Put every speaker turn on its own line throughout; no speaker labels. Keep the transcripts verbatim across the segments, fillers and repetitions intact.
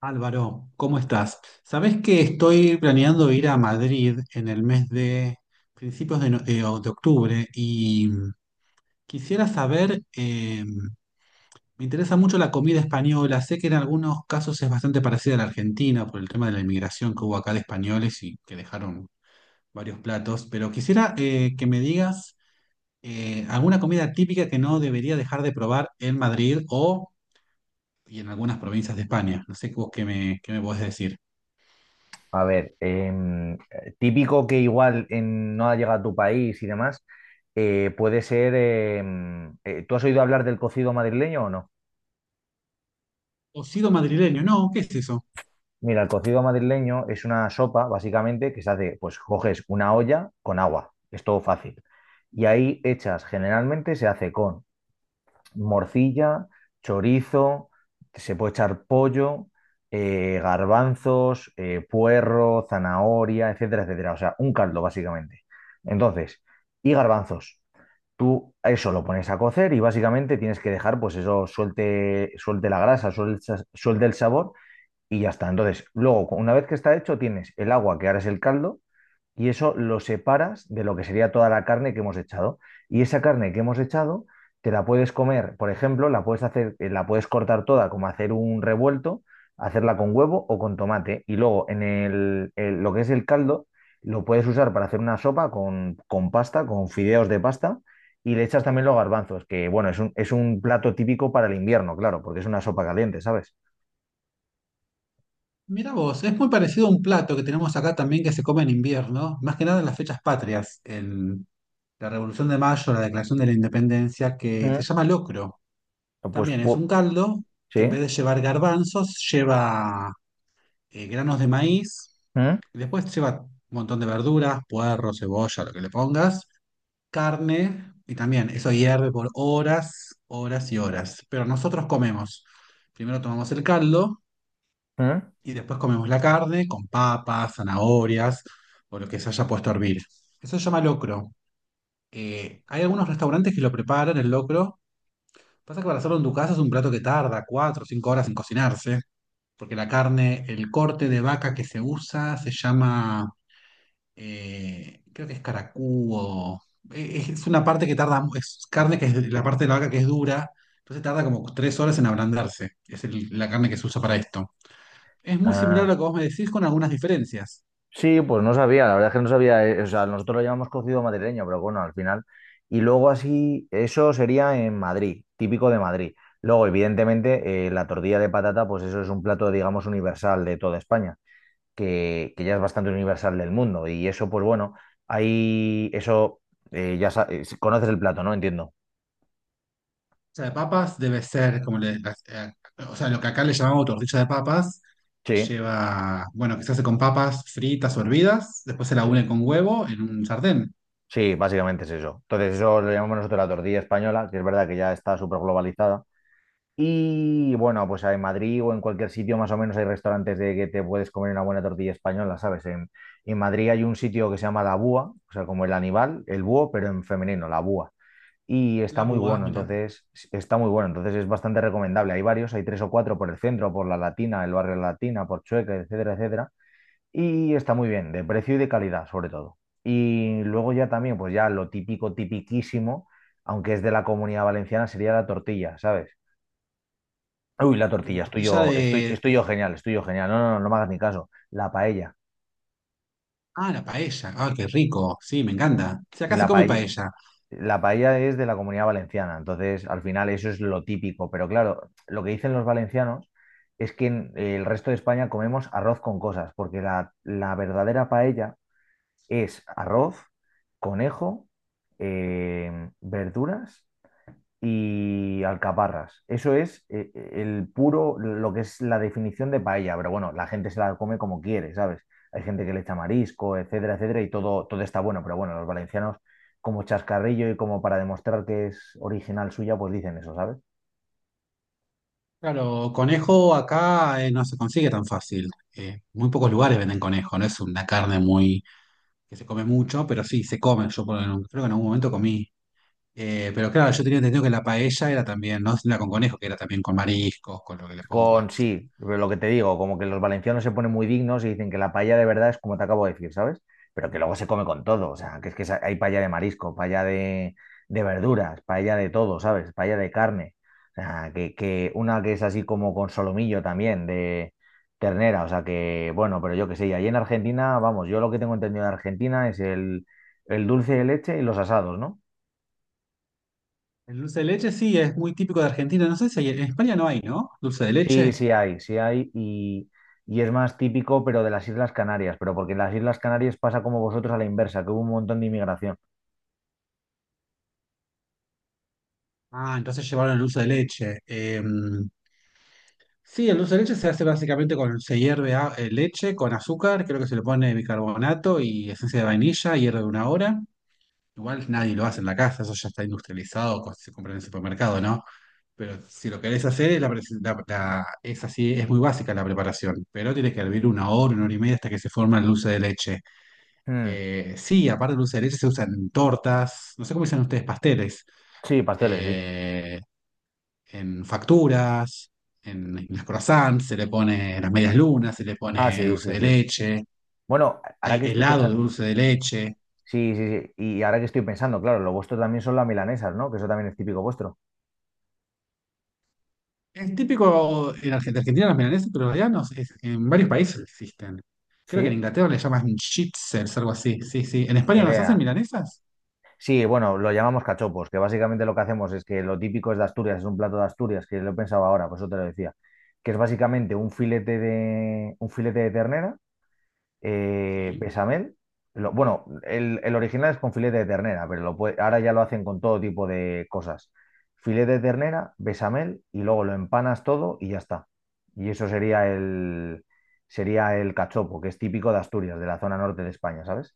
Álvaro, ¿cómo estás? Sabés que estoy planeando ir a Madrid en el mes de principios de, no- eh, o de octubre y quisiera saber, eh, me interesa mucho la comida española. Sé que en algunos casos es bastante parecida a la Argentina por el tema de la inmigración que hubo acá de españoles y que dejaron varios platos, pero quisiera eh, que me digas eh, alguna comida típica que no debería dejar de probar en Madrid o y en algunas provincias de España. No sé vos qué me, qué me podés decir.
A ver, em, eh, típico que igual en- no ha llegado a tu país y demás, eh, puede ser, em, eh, ¿tú has oído hablar del cocido madrileño o no?
Cocido madrileño, no, ¿qué es eso?
Mira, el cocido madrileño es una sopa, básicamente, que se hace, pues coges una olla con agua, es todo fácil. Y ahí echas, generalmente se hace con morcilla, chorizo, se puede echar pollo, eh, garbanzos, eh, puerro, zanahoria, etcétera, etcétera. O sea, un caldo, básicamente. Entonces, y garbanzos. Tú eso lo pones a cocer y básicamente tienes que dejar, pues eso suelte, suelte la grasa, suelte, suelte el sabor y ya está. Entonces, luego, una vez que está hecho, tienes el agua, que ahora es el caldo, y eso lo separas de lo que sería toda la carne que hemos echado. Y esa carne que hemos echado te la puedes comer, por ejemplo, la puedes hacer, eh, la puedes cortar toda, como hacer un revuelto, hacerla con huevo o con tomate. Y luego en el, el- lo que es el caldo, lo puedes usar para hacer una sopa con, con pasta, con fideos de pasta, y le echas también los garbanzos, que bueno, es un, es un plato típico para el invierno, claro, porque es una sopa caliente, ¿sabes?
Mira vos, es muy parecido a un plato que tenemos acá también, que se come en invierno, más que nada en las fechas patrias, en la Revolución de Mayo, la Declaración de la Independencia, que se
Mm.
llama locro.
Pues
También es
pu-
un caldo, que
sí.
en vez de llevar garbanzos, lleva eh, granos de maíz,
Mm,
y después lleva un montón de verduras, puerro, cebolla, lo que le pongas, carne, y también eso hierve por horas, horas y horas. Pero nosotros comemos. Primero tomamos el caldo
mm.
y después comemos la carne con papas, zanahorias o lo que se haya puesto a hervir. Eso se llama locro. Eh, hay algunos restaurantes que lo preparan, el locro. Pasa que para hacerlo en tu casa es un plato que tarda cuatro o cinco horas en cocinarse, porque la carne, el corte de vaca que se usa se llama, eh, creo que es caracú. Eh, Es una parte que tarda, mu- es carne que es la parte de la vaca que es dura, entonces tarda como tres horas en ablandarse. Es el- la carne que se usa para esto. Es muy similar a
Ah,
lo que vos me decís, con algunas diferencias.
sí, pues no sabía, la verdad es que no sabía, eh, o sea, nosotros lo llamamos cocido madrileño, pero bueno, al final. Y luego así, eso sería en Madrid, típico de Madrid. Luego, evidentemente, eh, la tortilla de patata, pues eso es un plato, digamos, universal de toda España, que, que ya es bastante universal del mundo. Y eso, pues bueno, ahí, eso, eh, ya sa- eh, conoces el plato, ¿no? Entiendo.
O sea, de papas debe ser como le, eh, o sea, lo que acá le llamamos tortilla de papas, que
Sí,
lleva, bueno, que se hace con papas fritas o hervidas, después se la
sí,
une con huevo en un sartén.
sí, básicamente es eso. Entonces, eso lo llamamos nosotros la tortilla española, que es verdad que ya está súper globalizada. Y bueno, pues en Madrid o en cualquier sitio más o menos hay restaurantes de que te puedes comer una buena tortilla española, ¿sabes? En, en Madrid hay un sitio que se llama La Búa, o sea, como el animal, el búho, pero en femenino, La Búa. Y está
La
muy
búa,
bueno,
mira.
entonces, está muy bueno, entonces es bastante recomendable. Hay varios, hay tres o cuatro por el centro, por La Latina, el barrio Latina, por Chueca, etcétera, etcétera. Y está muy bien, de precio y de calidad, sobre todo. Y luego ya también, pues ya lo típico, tipiquísimo, aunque es de la Comunidad Valenciana, sería la tortilla, ¿sabes? Uy, la
La
tortilla, estoy
tortilla
yo, estoy,
de...
estoy yo genial, estoy yo genial. No, no, no, no me hagas ni caso. La paella.
Ah, la paella. Ah, qué rico. Sí, me encanta. Si
Y
acá se
la
come
paella,
paella.
la paella es de la Comunidad Valenciana. Entonces, al final, eso es lo típico. Pero claro, lo que dicen los valencianos es que en el resto de España comemos arroz con cosas, porque la, la verdadera paella es arroz, conejo, eh, verduras y alcaparras. Eso es eh, el puro, lo que es la definición de paella, pero bueno, la gente se la come como quiere, ¿sabes? Hay gente que le echa marisco, etcétera, etcétera, y todo, todo está bueno, pero bueno, los valencianos como chascarrillo y como para demostrar que es original suya, pues dicen eso, ¿sabes?
Claro, conejo acá eh, no se consigue tan fácil. Eh, muy pocos lugares venden conejo, no es una carne muy que se come mucho, pero sí, se come. Yo por- creo que en algún momento comí. Eh, pero claro, yo tenía entendido que la paella era también, no la con conejo, que era también con mariscos, con lo que le pongas,
Con
no sé.
sí, pero lo que te digo, como que los valencianos se ponen muy dignos y dicen que la paella de verdad es como te acabo de decir, ¿sabes? Pero que luego se come con todo, o sea, que es que sa- hay paella de marisco, paella de, de verduras, paella de todo, ¿sabes? Paella de carne, o sea, que, que una que es así como con solomillo también, de ternera, o sea, que bueno, pero yo qué sé, y ahí en Argentina, vamos, yo lo que tengo entendido de Argentina es el, el dulce de leche y los asados, ¿no?
El dulce de leche sí, es muy típico de Argentina. No sé si hay- en España no hay, ¿no? Dulce de
Sí,
leche.
sí hay, sí hay, y, y es más típico, pero de las Islas Canarias, pero porque en las Islas Canarias pasa como vosotros a la inversa, que hubo un montón de inmigración.
Ah, entonces llevaron el dulce de leche. Eh, sí, el dulce de leche se hace básicamente con, se hierve a- eh, leche con azúcar, creo que se le pone bicarbonato y esencia de vainilla, hierve una hora. Igual nadie lo hace en la casa, eso ya está industrializado, co- se compra en el supermercado, ¿no? Pero si lo querés hacer, la, presi- la- la- es así, es muy básica la preparación, pero tiene que hervir una hora, una hora y media hasta que se forma el dulce de leche.
Mm.
Eh, sí, aparte del dulce de leche se usan en tortas, no sé cómo dicen ustedes, pasteles,
Sí, pasteles, sí.
eh, en facturas, en, en las croissants, se le pone, las medias lunas, se le
Ah,
pone
sí,
dulce
sí,
de
sí.
leche,
Bueno, ahora
hay
que estoy
helado de
pensando,
dulce de leche.
sí, sí, sí, y ahora que estoy pensando, claro, lo vuestro también son las milanesas, ¿no? Que eso también es típico vuestro.
Es típico en Argentina, Argentina las milanesas, pero allá no, sé, es- en varios países existen. Creo que en
Sí,
Inglaterra le llaman chitzers, algo así. Sí, sí. ¿En
ni
España nos hacen
idea.
milanesas?
Sí, bueno, lo llamamos cachopos, que básicamente lo que hacemos es que lo típico es de Asturias, es un plato de Asturias, que lo he pensado ahora, por eso te lo decía, que es básicamente un filete de, un filete de ternera. eh,
Sí.
bechamel. Lo- bueno, el, el original es con filete de ternera, pero lo puede- ahora ya lo hacen con todo tipo de cosas. Filete de ternera, bechamel y luego lo empanas todo y ya está. Y eso sería el, sería el cachopo, que es típico de Asturias, de la zona norte de España, ¿sabes?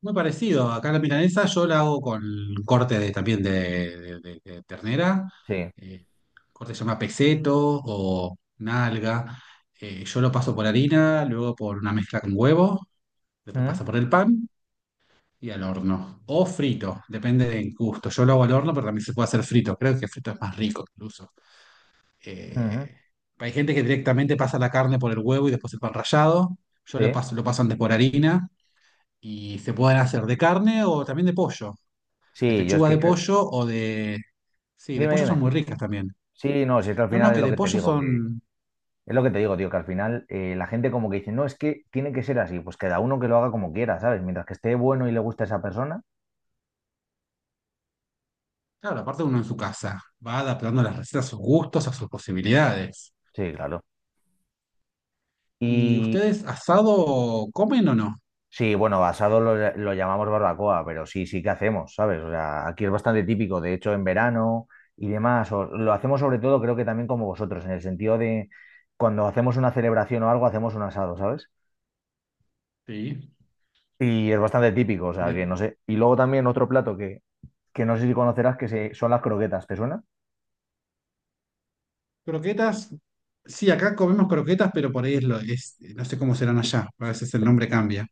Muy parecido. Acá la milanesa yo la hago con corte de, también de, de- de- de ternera.
Sí.
eh, Corte se llama peseto o nalga. Eh, yo lo paso por harina, luego por una mezcla con huevo, después
Ujú,
pasa por el pan y al horno. O frito, depende del gusto. Yo lo hago al horno, pero también se puede hacer frito. Creo que frito es más rico incluso.
ujú.
Eh, Hay gente que directamente pasa la carne por el huevo y después el pan rallado. Yo le
Sí.
paso, lo paso antes por harina. Y se pueden hacer de carne o también de pollo. De
Sí, yo es
pechuga de
que creo.
pollo o de... Sí, de
Dime,
pollo son
dime.
muy ricas también.
Sí, no, si es que al
No, no,
final es
que
lo
de
que te
pollo
digo,
son...
es lo que te digo, tío, que al final eh, la gente como que dice, no, es que tiene que ser así, pues cada uno que lo haga como quiera, ¿sabes? Mientras que esté bueno y le guste a esa persona.
Claro, aparte uno en su casa. Va adaptando las recetas a sus gustos, a sus posibilidades.
Sí, claro.
¿Y
Y
ustedes asado comen o no?
sí, bueno, basado lo, lo llamamos barbacoa, pero sí, sí que hacemos, ¿sabes? O sea, aquí es bastante típico, de hecho, en verano y demás, o- lo hacemos sobre todo, creo que también como vosotros, en el sentido de cuando hacemos una celebración o algo, hacemos un asado, ¿sabes?
Sí.
Y es bastante típico, o sea, que no sé. Y luego también otro plato que, que no sé si conocerás, que se- son las croquetas, ¿te suena?
Croquetas, sí, acá comemos croquetas, pero por ahí es lo, es, no sé cómo serán allá, a veces el nombre cambia.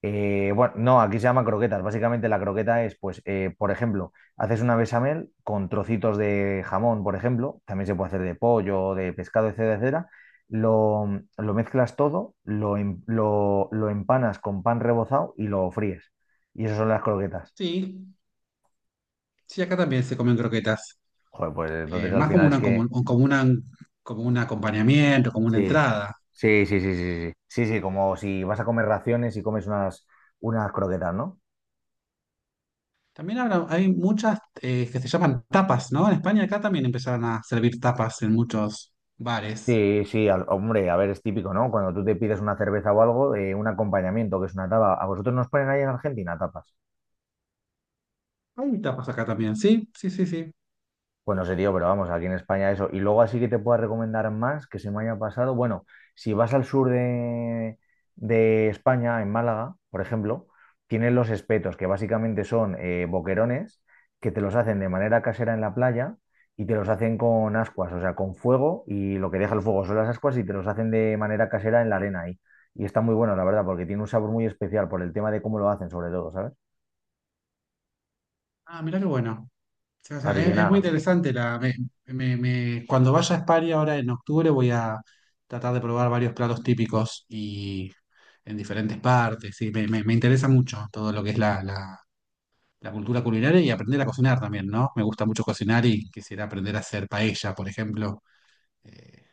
Eh, bueno, no, aquí se llama croquetas. Básicamente la croqueta es, pues, eh, por ejemplo, haces una bechamel con trocitos de jamón, por ejemplo, también se puede hacer de pollo, de pescado, etcétera, etcétera. Lo, lo mezclas todo, lo, em- lo- lo empanas con pan rebozado y lo fríes. Y eso son las croquetas.
Sí, sí, acá también se comen croquetas,
Joder, pues
eh,
entonces al
más como
final es
una, como,
que...
como una, como un acompañamiento, como una
Sí,
entrada.
sí, sí, sí, sí, sí. Sí, sí, como si vas a comer raciones y comes unas, unas croquetas, ¿no?
También ahora hay muchas eh, que se llaman tapas, ¿no? En España acá también empezaron a servir tapas en muchos bares.
Sí, sí, al- hombre, a ver, es típico, ¿no? Cuando tú te pides una cerveza o algo, eh, un acompañamiento, que es una tapa. ¿A vosotros nos ponen ahí en Argentina tapas?
Hay tapas acá también, sí, sí, sí, sí.
Bueno, serio, pero vamos, aquí en España eso. Y luego así que te pueda recomendar más que se me haya pasado. Bueno, si vas al sur de, de España, en Málaga, por ejemplo, tienen los espetos, que básicamente son eh, boquerones que te los hacen de manera casera en la playa y te los hacen con ascuas, o sea, con fuego y lo que deja el fuego son las ascuas y te los hacen de manera casera en la arena ahí. Y está muy bueno, la verdad, porque tiene un sabor muy especial por el tema de cómo lo hacen, sobre todo, ¿sabes?
Ah, mirá qué bueno. O sea, o sea,
Así que
es, es muy
nada.
interesante. La, me- me- me- cuando vaya a España ahora en octubre voy a tratar de probar varios platos típicos y en diferentes partes. Sí, me, me- me interesa mucho todo lo que es la, la- la cultura culinaria y aprender a cocinar también, ¿no? Me gusta mucho cocinar y quisiera aprender a hacer paella, por ejemplo. Eh,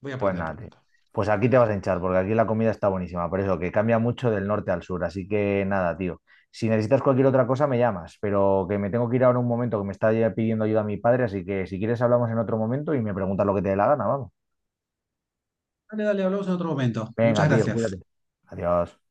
Voy a
Pues
aprender
nada, tío.
pronto.
Pues aquí te vas a hinchar, porque aquí la comida está buenísima, por eso que cambia mucho del norte al sur. Así que nada, tío. Si necesitas cualquier otra cosa, me llamas, pero que me tengo que ir ahora un momento, que me está ya pidiendo ayuda mi padre, así que si quieres hablamos en otro momento y me preguntas lo que te dé la gana, vamos.
Dale, dale, hablamos en otro momento.
Venga,
Muchas
tío, cuídate.
gracias.
Adiós.